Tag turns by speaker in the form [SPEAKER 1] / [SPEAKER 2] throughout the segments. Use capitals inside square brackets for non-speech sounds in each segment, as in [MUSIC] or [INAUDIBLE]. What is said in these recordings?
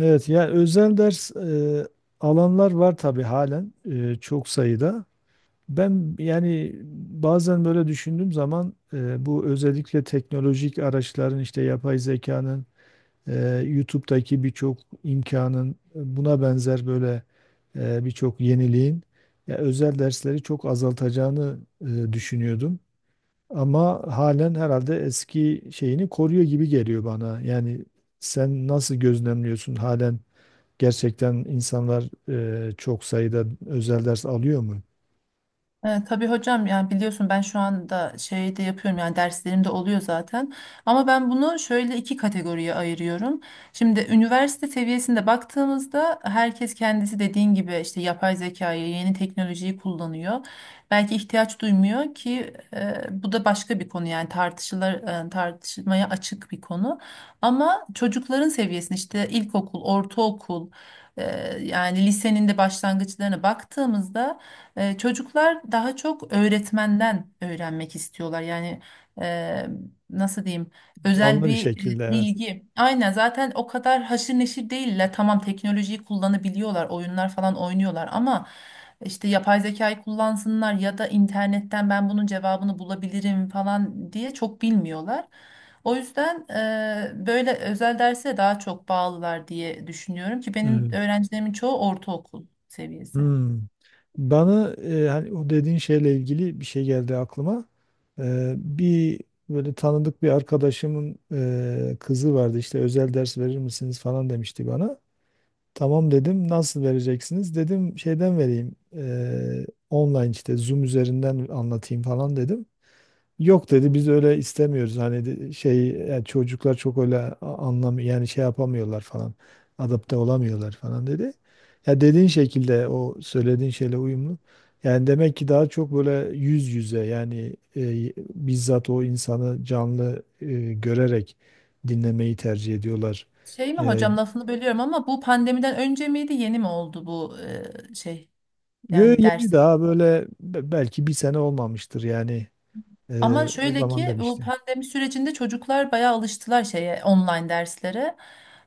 [SPEAKER 1] Evet, yani özel ders alanlar var tabii halen çok sayıda. Yani bazen böyle düşündüğüm zaman bu özellikle teknolojik araçların işte yapay zekanın, e, YouTube'daki birçok imkanın buna benzer böyle birçok yeniliğin ya özel dersleri çok azaltacağını düşünüyordum. Ama halen herhalde eski şeyini koruyor gibi geliyor bana. Yani sen nasıl gözlemliyorsun halen? Gerçekten insanlar çok sayıda özel ders alıyor mu?
[SPEAKER 2] Tabii hocam yani biliyorsun ben şu anda şey de yapıyorum yani derslerimde oluyor zaten. Ama ben bunu şöyle iki kategoriye ayırıyorum. Şimdi üniversite seviyesinde baktığımızda herkes kendisi dediğin gibi işte yapay zekayı, yeni teknolojiyi kullanıyor. Belki ihtiyaç duymuyor ki bu da başka bir konu, yani tartışılır, tartışmaya açık bir konu. Ama çocukların seviyesinde işte ilkokul, ortaokul, e, yani lisenin de başlangıçlarına baktığımızda çocuklar daha çok öğretmenden öğrenmek istiyorlar. Yani e, nasıl diyeyim? Özel
[SPEAKER 1] Canlı bir
[SPEAKER 2] bir
[SPEAKER 1] şekilde, evet.
[SPEAKER 2] bilgi. Aynen, zaten o kadar haşır neşir değiller. Tamam, teknolojiyi kullanabiliyorlar, oyunlar falan oynuyorlar ama işte yapay zekayı kullansınlar ya da internetten ben bunun cevabını bulabilirim falan diye çok bilmiyorlar. O yüzden böyle özel derse daha çok bağlılar diye düşünüyorum ki benim
[SPEAKER 1] Evet.
[SPEAKER 2] öğrencilerimin çoğu ortaokul seviyesi.
[SPEAKER 1] Hmm. Bana hani o dediğin şeyle ilgili bir şey geldi aklıma. Bir böyle tanıdık bir arkadaşımın kızı vardı, işte özel ders verir misiniz falan demişti bana. Tamam dedim, nasıl vereceksiniz dedim, şeyden vereyim online işte Zoom üzerinden anlatayım falan dedim. Yok dedi, biz öyle istemiyoruz, hani şey yani çocuklar çok öyle anlam yani şey yapamıyorlar falan, adapte olamıyorlar falan dedi. Ya dediğin şekilde o söylediğin şeyle uyumlu. Yani demek ki daha çok böyle yüz yüze, yani bizzat o insanı canlı görerek dinlemeyi tercih ediyorlar.
[SPEAKER 2] Şey mi
[SPEAKER 1] E,
[SPEAKER 2] hocam, lafını bölüyorum ama bu pandemiden önce miydi, yeni mi oldu bu şey,
[SPEAKER 1] Yo,
[SPEAKER 2] yani
[SPEAKER 1] yeni
[SPEAKER 2] ders?
[SPEAKER 1] daha böyle belki bir sene olmamıştır yani.
[SPEAKER 2] Ama
[SPEAKER 1] O
[SPEAKER 2] şöyle
[SPEAKER 1] zaman
[SPEAKER 2] ki bu
[SPEAKER 1] demişti.
[SPEAKER 2] pandemi sürecinde çocuklar bayağı alıştılar şeye, online derslere.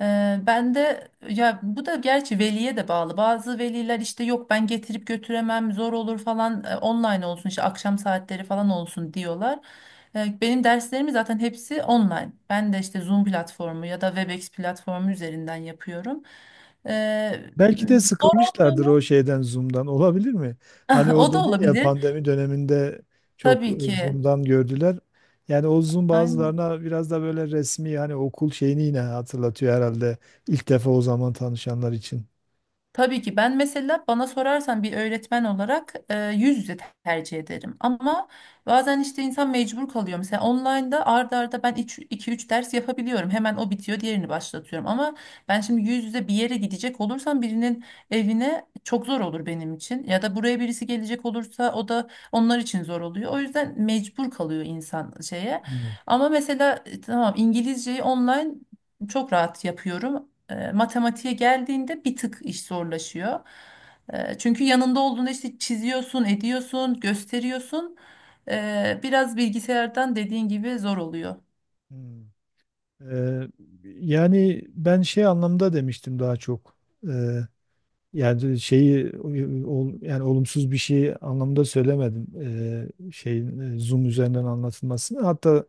[SPEAKER 2] Ben de, ya bu da gerçi veliye de bağlı. Bazı veliler işte yok ben getirip götüremem zor olur falan, online olsun işte akşam saatleri falan olsun diyorlar. Benim derslerim zaten hepsi online. Ben de işte Zoom platformu ya da Webex platformu üzerinden yapıyorum. Ee,
[SPEAKER 1] Belki de
[SPEAKER 2] zor olmuyor
[SPEAKER 1] sıkılmışlardır o
[SPEAKER 2] mu?
[SPEAKER 1] şeyden, Zoom'dan. Olabilir mi? Hani
[SPEAKER 2] [LAUGHS]
[SPEAKER 1] o
[SPEAKER 2] O da
[SPEAKER 1] dedi ya,
[SPEAKER 2] olabilir.
[SPEAKER 1] pandemi döneminde çok
[SPEAKER 2] Tabii ki.
[SPEAKER 1] Zoom'dan gördüler. Yani o Zoom
[SPEAKER 2] Aynen.
[SPEAKER 1] bazılarına biraz da böyle resmi, hani okul şeyini yine hatırlatıyor herhalde. İlk defa o zaman tanışanlar için.
[SPEAKER 2] Tabii ki ben mesela bana sorarsan bir öğretmen olarak yüz yüze tercih ederim. Ama bazen işte insan mecbur kalıyor. Mesela online'da arda arda ben iki üç ders yapabiliyorum. Hemen o bitiyor, diğerini başlatıyorum. Ama ben şimdi yüz yüze bir yere gidecek olursam birinin evine, çok zor olur benim için. Ya da buraya birisi gelecek olursa o da onlar için zor oluyor. O yüzden mecbur kalıyor insan şeye.
[SPEAKER 1] Hmm.
[SPEAKER 2] Ama mesela tamam İngilizceyi online çok rahat yapıyorum. Matematiğe geldiğinde bir tık iş zorlaşıyor. Çünkü yanında olduğunda işte çiziyorsun, ediyorsun, gösteriyorsun. Biraz bilgisayardan dediğin gibi zor oluyor.
[SPEAKER 1] Hmm. Ee, Yani ben şey anlamda demiştim daha çok. Ee, Yani şeyi yani olumsuz bir şey anlamda söylemedim. Şeyin Zoom üzerinden anlatılmasını. Hatta,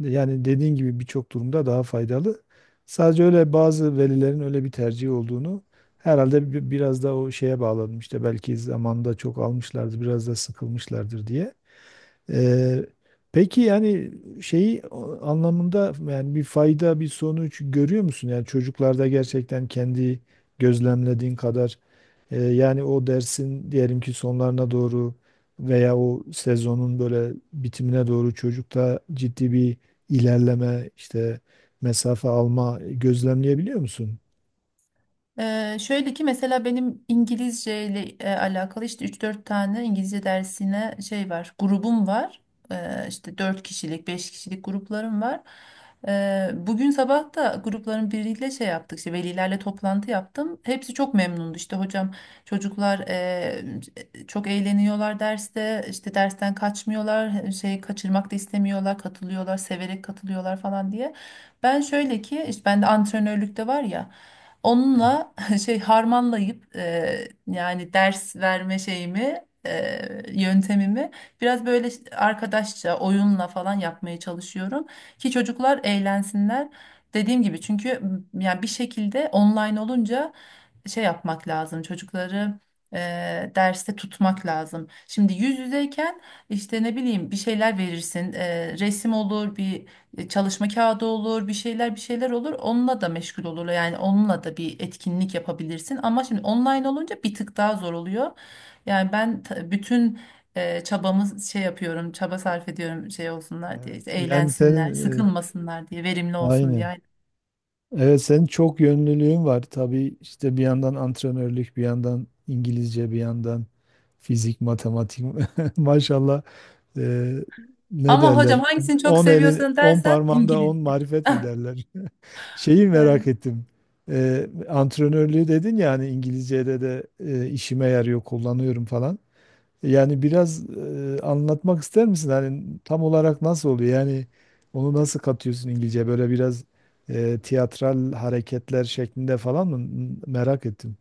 [SPEAKER 1] yani dediğin gibi birçok durumda daha faydalı. Sadece öyle bazı velilerin öyle bir tercihi olduğunu herhalde biraz da o şeye bağladım, işte belki zamanında çok almışlardır, biraz da sıkılmışlardır diye. Ee, peki yani şeyi anlamında, yani bir fayda, bir sonuç görüyor musun? Yani çocuklarda gerçekten kendi gözlemlediğin kadar yani o dersin diyelim ki sonlarına doğru veya o sezonun böyle bitimine doğru çocukta ciddi bir ilerleme, işte mesafe alma gözlemleyebiliyor musun?
[SPEAKER 2] Şöyle ki mesela benim İngilizce ile alakalı işte üç dört tane İngilizce dersine şey var, grubum var. İşte 4 kişilik 5 kişilik gruplarım var. Bugün sabah da grupların biriyle şey yaptık, işte velilerle toplantı yaptım, hepsi çok memnundu. İşte hocam çocuklar çok eğleniyorlar derste, işte dersten kaçmıyorlar, şey kaçırmak da istemiyorlar, katılıyorlar, severek katılıyorlar falan diye. Ben şöyle ki işte bende antrenörlük de var ya, onunla [LAUGHS] şey harmanlayıp yani ders verme şeyimi yöntemimi biraz böyle arkadaşça, oyunla falan yapmaya çalışıyorum ki çocuklar eğlensinler. Dediğim gibi çünkü yani bir şekilde online olunca şey yapmak lazım, çocukları e, derste tutmak lazım. Şimdi yüz yüzeyken işte ne bileyim bir şeyler verirsin. Resim olur, bir çalışma kağıdı olur, bir şeyler bir şeyler olur, onunla da meşgul olurlar. Yani onunla da bir etkinlik yapabilirsin ama şimdi online olunca bir tık daha zor oluyor. Bütün çabamız şey yapıyorum, çaba sarf ediyorum şey olsunlar diye,
[SPEAKER 1] Evet.
[SPEAKER 2] işte
[SPEAKER 1] Yani
[SPEAKER 2] eğlensinler,
[SPEAKER 1] senin
[SPEAKER 2] sıkılmasınlar diye, verimli olsun
[SPEAKER 1] aynen.
[SPEAKER 2] diye.
[SPEAKER 1] Evet, senin çok yönlülüğün var. Tabii işte bir yandan antrenörlük, bir yandan İngilizce, bir yandan fizik, matematik. [LAUGHS] Maşallah, e, ne
[SPEAKER 2] Ama hocam
[SPEAKER 1] derler?
[SPEAKER 2] hangisini çok
[SPEAKER 1] 10 elin
[SPEAKER 2] seviyorsun
[SPEAKER 1] 10
[SPEAKER 2] dersen,
[SPEAKER 1] parmağında
[SPEAKER 2] İngiliz.
[SPEAKER 1] 10 marifet mi
[SPEAKER 2] [LAUGHS]
[SPEAKER 1] derler? [LAUGHS] Şeyi
[SPEAKER 2] Bay
[SPEAKER 1] merak
[SPEAKER 2] bay.
[SPEAKER 1] ettim. E, antrenörlüğü dedin ya, hani İngilizce'de de işime yarıyor, kullanıyorum falan. Yani biraz anlatmak ister misin? Hani tam olarak nasıl oluyor? Yani onu nasıl katıyorsun İngilizce? Böyle biraz tiyatral hareketler şeklinde falan mı? Merak ettim.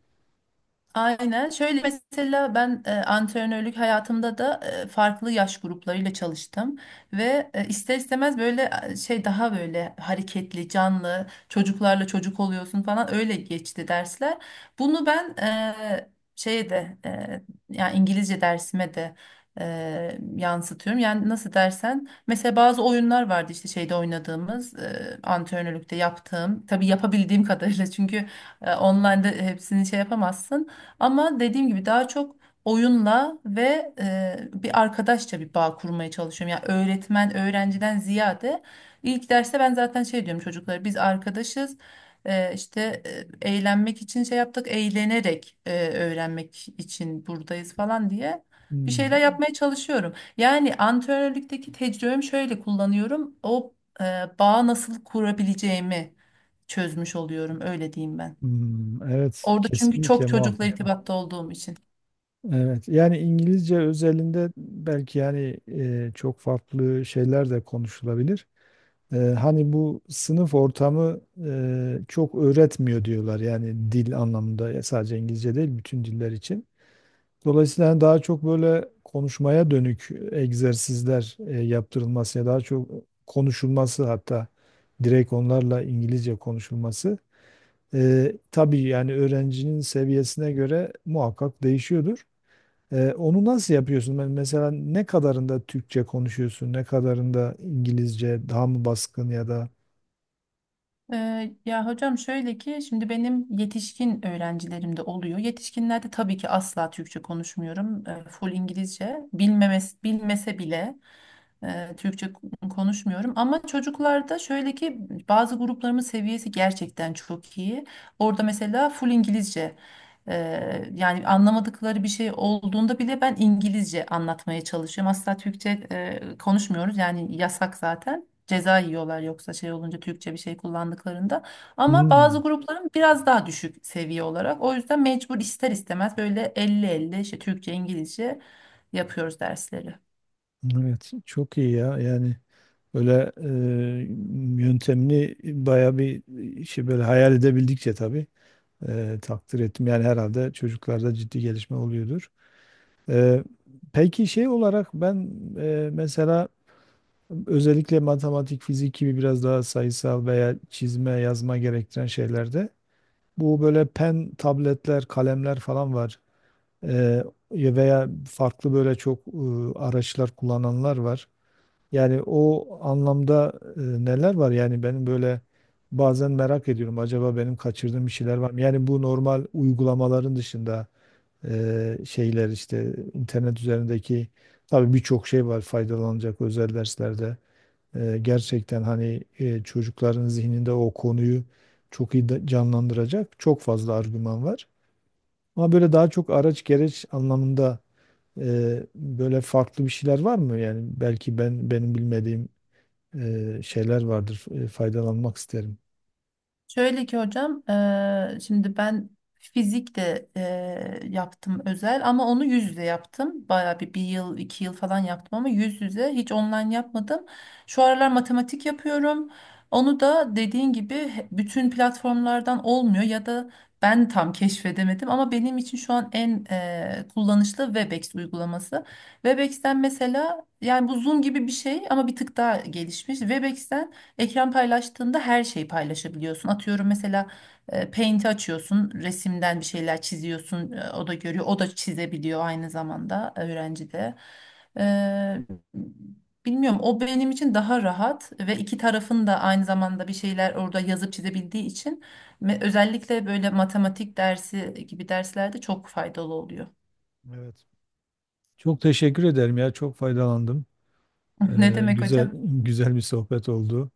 [SPEAKER 2] Aynen. Şöyle mesela ben antrenörlük hayatımda da farklı yaş gruplarıyla çalıştım ve ister istemez böyle şey daha böyle hareketli, canlı, çocuklarla çocuk oluyorsun falan, öyle geçti dersler. Bunu ben şeye de yani İngilizce dersime de yansıtıyorum. Yani nasıl dersen, mesela bazı oyunlar vardı işte şeyde oynadığımız, antrenörlükte yaptığım, tabii yapabildiğim [LAUGHS] kadarıyla, çünkü online'da hepsini şey yapamazsın. Ama dediğim gibi daha çok oyunla ve bir arkadaşça bir bağ kurmaya çalışıyorum. Yani öğretmen öğrenciden ziyade, ilk derste ben zaten şey diyorum çocuklara, biz arkadaşız. İşte eğlenmek için şey yaptık, eğlenerek öğrenmek için buradayız falan diye bir şeyler
[SPEAKER 1] Hmm,
[SPEAKER 2] yapmaya çalışıyorum. Yani antrenörlükteki tecrübemi şöyle kullanıyorum. O e, bağı nasıl kurabileceğimi çözmüş oluyorum, öyle diyeyim ben.
[SPEAKER 1] hmm, evet,
[SPEAKER 2] Orada çünkü
[SPEAKER 1] kesinlikle
[SPEAKER 2] çok çocukla
[SPEAKER 1] muhakkak.
[SPEAKER 2] irtibatta olduğum için.
[SPEAKER 1] Evet, yani İngilizce özelinde belki yani çok farklı şeyler de konuşulabilir. E, hani bu sınıf ortamı çok öğretmiyor diyorlar, yani dil anlamında, ya sadece İngilizce değil bütün diller için. Dolayısıyla hani daha çok böyle konuşmaya dönük egzersizler yaptırılması ya daha çok konuşulması, hatta direkt onlarla İngilizce konuşulması. E, tabii yani öğrencinin seviyesine göre muhakkak değişiyordur. Onu nasıl yapıyorsun? Ben mesela ne kadarında Türkçe konuşuyorsun, ne kadarında İngilizce daha mı baskın ya da.
[SPEAKER 2] Ya hocam şöyle ki şimdi benim yetişkin öğrencilerim de oluyor. Yetişkinlerde tabii ki asla Türkçe konuşmuyorum. Full İngilizce. Bilmemes, bilmese bile Türkçe konuşmuyorum. Ama çocuklarda şöyle ki bazı gruplarımın seviyesi gerçekten çok iyi. Orada mesela full İngilizce. Yani anlamadıkları bir şey olduğunda bile ben İngilizce anlatmaya çalışıyorum. Asla Türkçe konuşmuyoruz, yani yasak zaten. Ceza yiyorlar yoksa, şey olunca, Türkçe bir şey kullandıklarında. Ama bazı
[SPEAKER 1] Hmm,
[SPEAKER 2] grupların biraz daha düşük seviye olarak. O yüzden mecbur ister istemez böyle elli elli işte Türkçe, İngilizce yapıyoruz dersleri.
[SPEAKER 1] evet, çok iyi ya, yani böyle yöntemli baya bir şey, böyle hayal edebildikçe tabii takdir ettim, yani herhalde çocuklarda ciddi gelişme oluyordur. E, peki şey olarak ben mesela özellikle matematik, fizik gibi biraz daha sayısal veya çizme, yazma gerektiren şeylerde. Bu böyle pen tabletler, kalemler falan var. Ee, Veya farklı böyle çok araçlar kullananlar var. Yani o anlamda neler var? Yani benim böyle bazen merak ediyorum. Acaba benim kaçırdığım bir şeyler var mı? Yani bu normal uygulamaların dışında şeyler işte internet üzerindeki tabii birçok şey var faydalanacak özel derslerde. E, gerçekten hani çocukların zihninde o konuyu çok iyi canlandıracak çok fazla argüman var. Ama böyle daha çok araç gereç anlamında böyle farklı bir şeyler var mı? Yani belki ben benim bilmediğim şeyler vardır. E, faydalanmak isterim.
[SPEAKER 2] Şöyle ki hocam, şimdi ben fizik de yaptım özel, ama onu yüz yüze yaptım. Bayağı bir yıl, iki yıl falan yaptım ama yüz yüze, hiç online yapmadım. Şu aralar matematik yapıyorum. Onu da dediğin gibi bütün platformlardan olmuyor ya da ben tam keşfedemedim, ama benim için şu an en kullanışlı Webex uygulaması. Webex'ten mesela, yani bu Zoom gibi bir şey ama bir tık daha gelişmiş. Webex'ten ekran paylaştığında her şeyi paylaşabiliyorsun. Atıyorum mesela Paint'i açıyorsun, resimden bir şeyler çiziyorsun, o da görüyor, o da çizebiliyor aynı zamanda, öğrenci de. E, bilmiyorum, o benim için daha rahat ve iki tarafın da aynı zamanda bir şeyler orada yazıp çizebildiği için özellikle böyle matematik dersi gibi derslerde çok faydalı oluyor.
[SPEAKER 1] Evet. Çok teşekkür ederim ya. Çok faydalandım.
[SPEAKER 2] [LAUGHS] Ne demek
[SPEAKER 1] Güzel
[SPEAKER 2] hocam?
[SPEAKER 1] güzel bir sohbet oldu.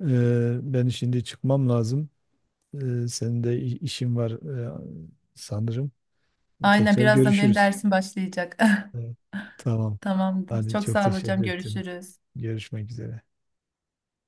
[SPEAKER 1] Ben şimdi çıkmam lazım. Senin de işin var sanırım.
[SPEAKER 2] Aynen,
[SPEAKER 1] Tekrar
[SPEAKER 2] birazdan benim
[SPEAKER 1] görüşürüz.
[SPEAKER 2] dersim başlayacak. [LAUGHS]
[SPEAKER 1] Evet. Tamam.
[SPEAKER 2] Tamamdır.
[SPEAKER 1] Hadi,
[SPEAKER 2] Çok
[SPEAKER 1] çok
[SPEAKER 2] sağ ol hocam.
[SPEAKER 1] teşekkür ettim.
[SPEAKER 2] Görüşürüz.
[SPEAKER 1] Görüşmek üzere.